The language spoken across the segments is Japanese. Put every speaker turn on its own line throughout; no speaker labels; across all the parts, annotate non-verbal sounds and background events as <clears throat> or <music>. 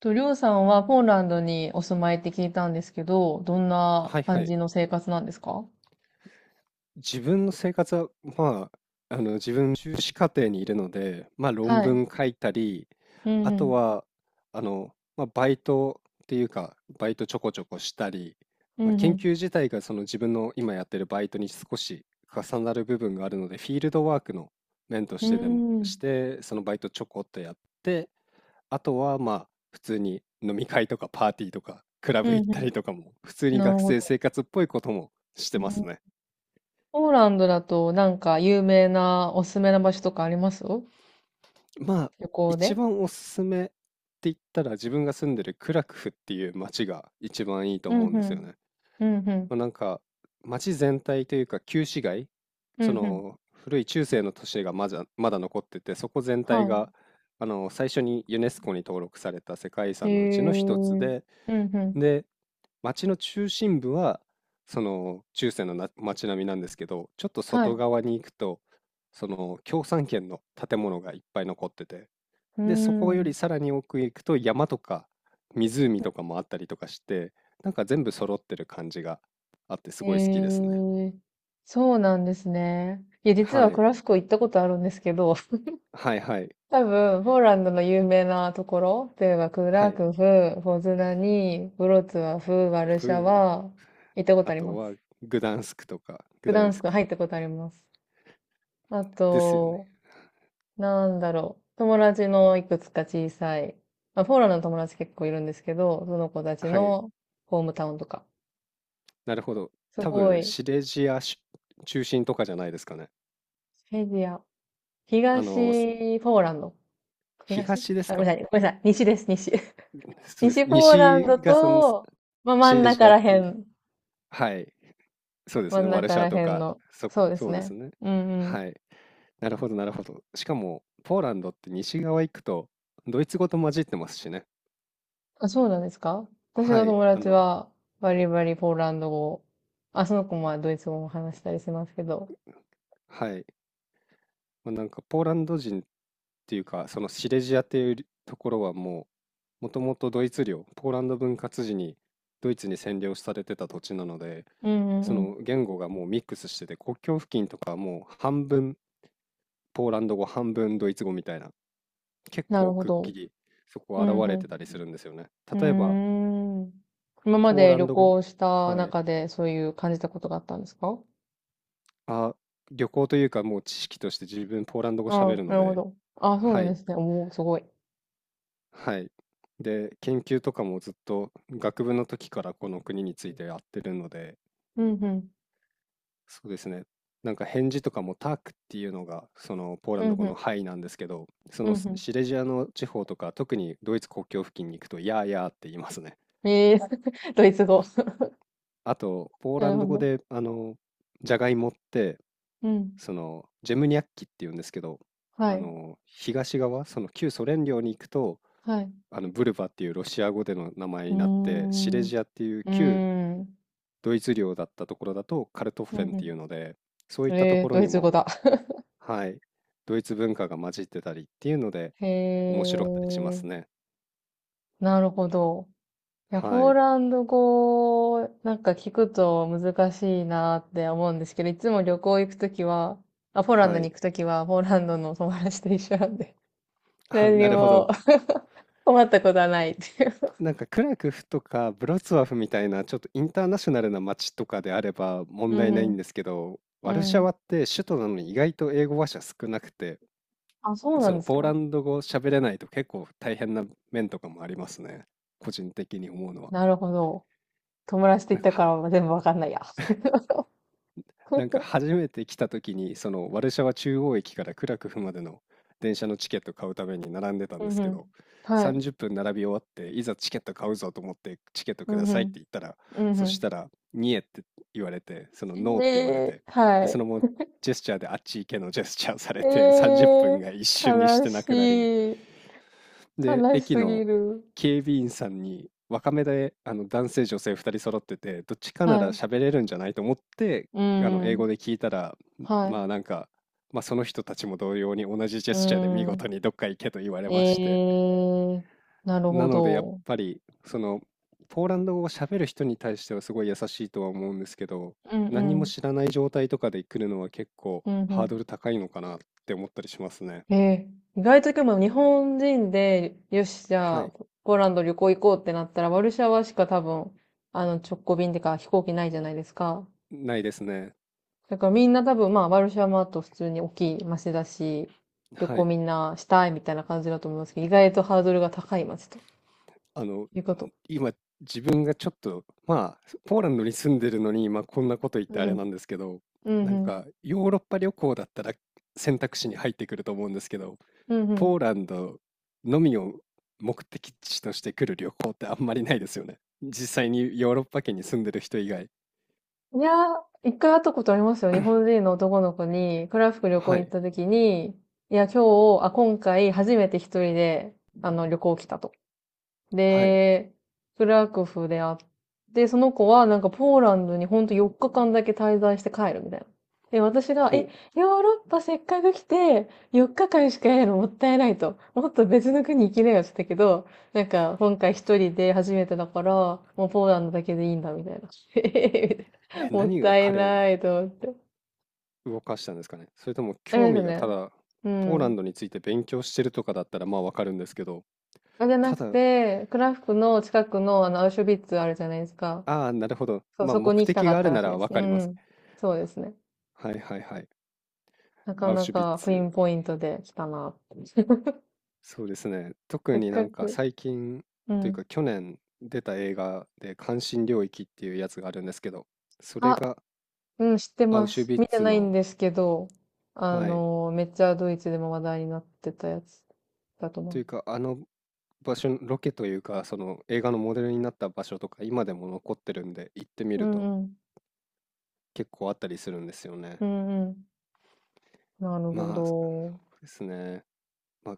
と、りょうさんはポーランドにお住まいって聞いたんですけど、どんな
はいは
感
い。
じの生活なんですか？
自分の生活は、まあ、自分、修士課程にいるので、まあ、論
はい。
文書いたり、
うん
あ
う
と
ん。
は、あの、まあ、バイトっていうか、バイトちょこちょこしたり、
う
まあ、
んう
研
ん。
究自体がその自分の今やってるバイトに少し重なる部分があるので、フィールドワークの面と
う
してでも、し
ん。
て、そのバイトちょこっとやって、あとは、まあ、普通に飲み会とかパーティーとか、クラ
う
ブ行っ
ん
た
う
りとかも、普通
ん。
に
なる
学
ほ
生
ど。
生活っぽいこともして
う
ます
ん。
ね。
ポーランドだとなんか有名なおすすめな場所とかあります、旅
まあ、
行
一
で？
番おすすめって言ったら自分が住んでるクラクフっていう街が一番いいと
うん
思うん
う
ですよ
ん。
ね。
うんうん。
まあ、なんか街全体というか旧市街、
う
そ
んうん。
の古い中世の都市がまだ残ってて、そこ全体
はい。
があの最初にユネスコに登録された世界遺
へ
産のうち
え。
の一つ
うん
で、
うん。
で、街の中心部はその中世のな街並みなんですけど、ちょっと
はい。
外
う
側に行くと、その共産圏の建物がいっぱい残ってて、
ー
で、そこより
ん。
さらに奥へ行くと山とか湖とかもあったりとかして、なんか全部揃ってる感じがあってす
へ
ごい好きですね。
え。そうなんですね。いや、実は
は
ク
い。
ラスコ行ったことあるんですけど、
はいはい。
多分、ポーランドの有名なところというかク
は
ラ
い。
クフ、ポズダニ、ブロツワフ、ワル
ふ
シャ
う。
ワ、行ったこと
あ
あり
と
ます。
はグダンスクとか、グ
グ
ダ
ダ
ニ
ンス
ス
ク
ク
入ったことあります。あ
ですよね。
と、なんだろう。友達のいくつか小さい、まあ、ポーランドの友達結構いるんですけど、その子たち
はい。
のホームタウンとか。
なるほど。
す
多
ご
分
い、
シレジアし中心とかじゃないですかね。
フェディア、
あの、す
東ポーランド。東。
東です
あ、ごめんな
か？
さい、ごめんなさい。西です、西。<laughs>
そうです。
西ポーラン
西
ド
がその
と、まあ、真
シ
ん
レジ
中
アっ
ら
て
へ
いうか、
ん。
はい。そうです
真
ね。
ん
ワルシ
中
ャワ
ら
と
辺
か、
の。
そ、
そうです
そうです
ね。
ね。
うんう
は
ん。
い。なるほど、なるほど。しかも、ポーランドって西側行くと、ドイツ語と混じってますしね。
あ、そうなんですか？私
は
の
い、
友達は、バリバリポーランド語を。あ、その子もドイツ語も話したりしますけど。
はい。まあ、なんか、ポーランド人っていうか、そのシレジアっていうところはもう、もともとドイツ領、ポーランド分割時にドイツに占領されてた土地なので、
うんう
そ
んう
の
ん。
言語がもうミックスしてて、国境付近とかはもう半分ポーランド語、半分ドイツ語みたいな、結
なる
構
ほ
くっき
ど。
りそこ
う
現
ん
れ
う
てたりするんですよね。例えば、
ん。うーん。今ま
ポー
で
ラ
旅
ンド語、
行した
はい。
中でそういう感じたことがあったんですか？
あ、旅行というか、もう知識として自分ポーランド語
あ
喋
あ、
る
な
の
るほ
で、
ど。ああ、そう
は
なんで
い、
すね。おお、すごい。
はい。で、研究とかもずっと学部の時からこの国についてやってるので、
うんうん。
そうですね。なんか返事とかもタークっていうのがそのポーラ
う
ンド
ん
語
う
の
ん。
「はい」なんですけど、そ
うん
の
う
シレジアの地方とか、特にドイツ国境付近に行くと「やーやー」って言いますね。
ん。ええ、 <laughs> ドイツ語。
あと、
<laughs>
ポー
な
ラ
る
ン
ほ
ド語
ど。
であの、じゃがいもって
うん。
そのジェムニャッキっていうんですけど、
は
あ
い。
の東側その旧ソ連領に行くと
はい。
あのブルバっていうロシア語での名前
う
に
ー
なって、シレ
ん。う
ジアっていう旧
ーん。
ドイツ領だったところだとカルトッ
う
フェンってい
ん
うので、そうい
う
っ
ん、
たと
え
こ
ー、
ろ
ドイ
に
ツ語
も
だ。
はい、ドイツ文化が混じってたりっていうので
へ
面白かったりしま
え、
すね。
なるほど。いや、
は
ポー
い。
ランド語、なんか聞くと難しいなって思うんですけど、いつも旅行行くときは、あ、ポーランド
は
に
い。
行くときは、ポーランドの友達と一緒なんで、<laughs>
あ、
何に
なるほ
も
ど。
<laughs> 困ったことはないっていう。
なんかクラクフとかブロツワフみたいなちょっとインターナショナルな街とかであれば問
う
題ない
ん、
んですけど、
う
ワルシャ
ん。
ワって首都なのに意外と英語話者少なくて、
あ、そうな
そ
ん
の
です
ポーラ
か？
ンド語喋れないと結構大変な面とかもありますね。個人的に思うのは。
なるほど。友達と行
な
っ
ん
た
か
から全部わかんないや。
なんか
<laughs>
初めて来た時にそのワルシャワ中央駅からクラクフまでの電車のチケット買うために並んでたん
う
で
ん
す
う
けど、
ん。はい。
30分並び終わっていざチケット買うぞと思ってチケット
う
くだ
んう
さいって
ん。
言ったら、
う
そした
ん
ら「ニエ」って言われて、その
うん。
「ノー」って言われ
で、
て、
は
でそ
い。
のままジェスチャーであっち行けのジェスチャーさ
え
れて30分
ー、
が一瞬にし
悲
てなくなり、
しい。
で、
悲し
駅
すぎ
の
る。
警備員さんに、若めで、男性女性2人揃ってて、どっちかな
は
ら
い。
喋れるんじゃないと思って、
う
英語
ん。
で聞いたら、
は
ま
い。
あなんか、まあその人たちも同様に同じジェ
う
スチャーで見事
ん。
にどっか行けと言われ
え
まして、
ー、なる
な
ほ
のでやっ
ど。
ぱり、その、ポーランド語を喋る人に対してはすごい優しいとは思うんですけど、
うんう
何も
ん。
知らない状態とかで来るのは結構
うん
ハー
う
ドル高いのかなって思ったりしますね。
ん。えー、意外と今日本人で、よし、じゃ
は
あ、
い。
ポーランド旅行行こうってなったら、ワルシャワしか多分、直行便ってか飛行機ないじゃないですか。
ないですね。
だからみんな多分まあ、ワルシャワマート普通に大きい街だし、旅
は
行
い。
みんなしたいみたいな感じだと思いますけど、意外とハードルが高い街と
あの、
いうこと。
今、自分がちょっと、まあ、ポーランドに住んでるのに、まあ、こんなこと言って
う
あれな
ん。
んですけど、
うん
な
う
ん
ん。
か、ヨーロッパ旅行だったら選択肢に入ってくると思うんですけど、
うんう
ポ
ん。
ーランドのみを目的地として来る旅行ってあんまりないですよね。実際にヨーロッパ圏に住んでる人以外。
いやー、一回会ったことありますよ。日本
<clears throat>
人の男の子に、クラフク旅行
は
行っ
い、
た時に、いや、今日、あ、今回初めて一人で、旅行来たと。
はい、
で、クラクフで会って、その子はなんかポーランドにほんと4日間だけ滞在して帰るみたいな。で、私が、
ほ
え、
う。
ヨーロッパせっかく来て、4日間しかいないのもったいないと。もっと別の国行きなよって言ったけど、なんか今回一人で初めてだから、もうポーランドだけでいいんだみたいな。<laughs> えへへ。
え、
もっ
何が
たい
彼を
ないと思って。
動かしたんですかね。それとも
あ
興
れです
味がた
ね。
だ、
う
ポーラン
ん。
ドについて勉強してるとかだったらまあわかるんですけど、
あ、じゃな
た
く
だ
て、クラフクの近くのあの、アウシュビッツあるじゃないですか。
ああ、なるほど。
そう、
まあ、
そこ
目
に行きた
的
か
が
っ
あ
た
る
ら
な
しい
ら
です。
わ
う
かりますね。
ん。そうですね。
はいはいはい。
なか
アウ
な
シュビッ
かピン
ツ。
ポイントで来たな。<laughs>
そうですね。特
せっ
にな
か
んか
く。
最近
う
という
ん。
か去年出た映画で関心領域っていうやつがあるんですけど、それ
あ、
が
うん、知って
アウ
ま
シュ
す。
ビッ
見て
ツ
ないん
の、
ですけど、
はい。
めっちゃドイツでも話題になってたやつだと
とい
思
うかあの場所の、ロケというかその映画のモデルになった場所とか今でも残ってるんで行ってみ
う。う
ると
んうん。
結構あったりするんですよ
う
ね。
んうん。なるほ
まあ、そう
ど。
ですね。まあ、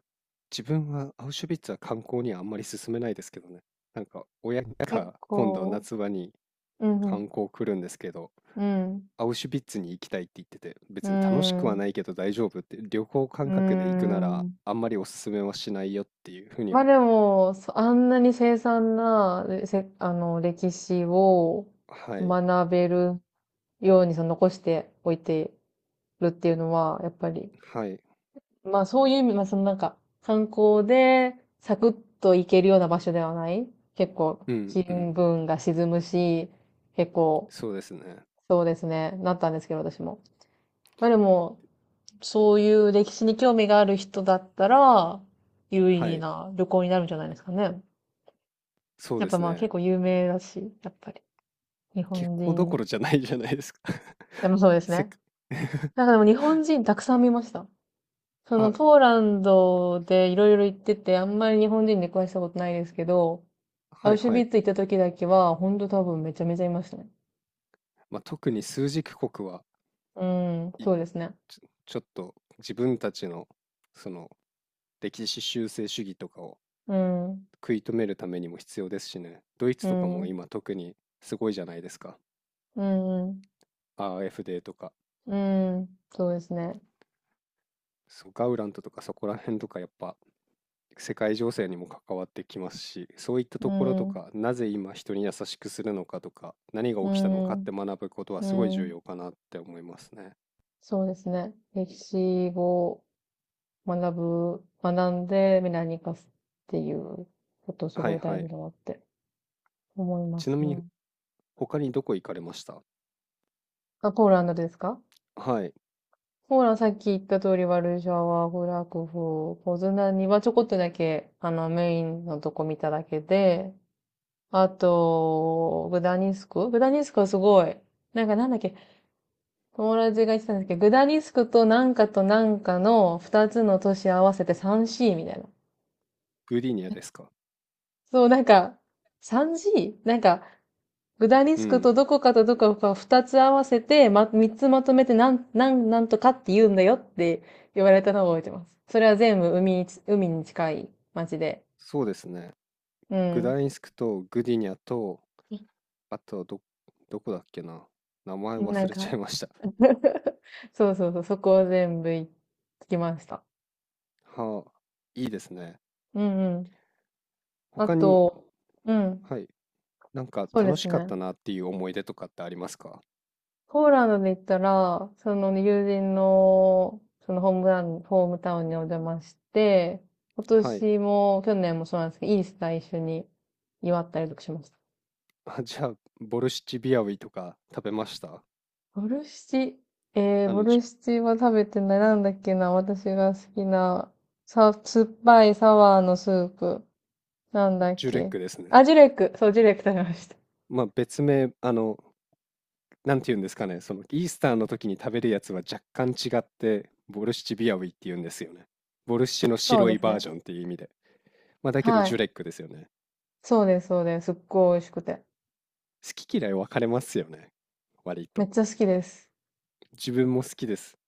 自分はアウシュビッツは観光にはあんまり勧めないですけどね。なんか親
結
が今度
構、
夏場に
うんう
観
ん。
光来るんですけど、
うん。
アウシュビッツに行きたいって言ってて、
う
別に楽しくは
ん。
ないけど大丈夫って、旅行感
う
覚で行くなら
ん。
あんまりおすすめはしないよっていうふうに
まあ
は。
でも、あんなに凄惨な、でせ、あの、歴史を
はい、
学べるようにその残しておいてるっていうのは、やっぱり、
はい、
まあそういう意味、まあそのなんか、観光でサクッと行けるような場所ではない。結構、
うん
気
うん、
分が沈むし、結構、
そうですね。
そうですね、なったんですけど、私も。まあでも、そういう歴史に興味がある人だったら、有意
は
義
い、
な旅行になるんじゃないですかね。
そう
やっ
で
ぱ
す
まあ結
ね。
構有名だし、やっぱり。日
結
本
構どこ
人。
ろじゃないじゃないですか？
でもそうで
<laughs>
す
せっ
ね。な
<laughs>
んかでも日本人たくさん見ました。その
あ、
ポーランドでいろいろ行ってて、あんまり日本人出くわしたことないですけど、ア
はい
ウシュ
は
ビ
い。
ッツ行った時だけは、ほんと多分めちゃめちゃいましたね。
まあ、特に枢軸国は
うん、
い
そうですね。
ちょちょっと自分たちのその歴史修正主義とかを
うん、う
食い止めるためにも必要ですしね。ドイツとか
ん、う
も
ん、
今特にすごいじゃないですか。
うん、
ア a f ーとか、
うん、そうですね。
そうガウラントとかそこら辺とかやっぱ世界情勢にも関わってきますし、そういった
う
ところと
ん、
か、なぜ今人に優しくするのかとか、何が
う
起きたのかっ
ん、
て学ぶことは
う
すごい重
ん、
要かなって思いますね。
そうですね。歴史を学学んで未来に生かすっていうことす
は
ご
い
い大
は
事
い。
だなって思いま
ち
す
なみ
ね。
に他にどこ行かれました？
あ、ポーランドですか？
はい。
ポーランドさっき言った通り、ワルシャワ、フラクフ、ポズナにはちょこっとだけ、メインのとこ見ただけで、あと、グダニスクはすごい、なんかなんだっけ、友達が言ってたんですけど、グダニスクとなんかとなんかの二つの都市合わせて 3C みたいな。
グディニアですか？
そう、なんか、3G？ なんか、グダリ
う
スク
ん。
とどこかとどこかを二つ合わせて、ま、三つまとめてなんとかって言うんだよって言われたのを覚えてます。それは全部海に近い町で。
そうですね。
う
グ
ん。
ダインスクとグディニャと、あとはどこだっけな。名前
な
忘
ん
れちゃ
か、
いました。
そうそうそう、そこを全部行ってきました。
<laughs> はあ、いいですね。
うんうん。あ
他に、
と、うん、
はい、なんか
そうで
楽し
す
かっ
ね。
たなっていう思い出とかってありますか？
ポーランドで行ったら、その友人の、そのホームタウンにお邪魔して、今
はい。
年も、去年もそうなんですけど、イースター一緒に祝ったりとかしました。
あ、じゃあ、ボルシチビアウィとか食べました？
ボルシチ、
あ
ボ
の、
ルシチは食べてない。なんだっけな、私が好きな、酸っぱいサワーのスープ。なんだっ
ジュレッ
け。
クですね。
あ、ジュレック。そう、ジュレック食べました。
まあ別名、なんて言うんですかね。その、イースターの時に食べるやつは若干違って、ボルシチビアウィって言うんですよね。ボルシチの
そう
白
で
い
す
バー
ね。
ジョンっていう意味で。まあだけど、
は
ジュ
い。
レックですよね。
そうです、そうです。すっごい美味しくて。
好き嫌い分かれますよね、割
めっ
と
ちゃ好きです。
自分も好きです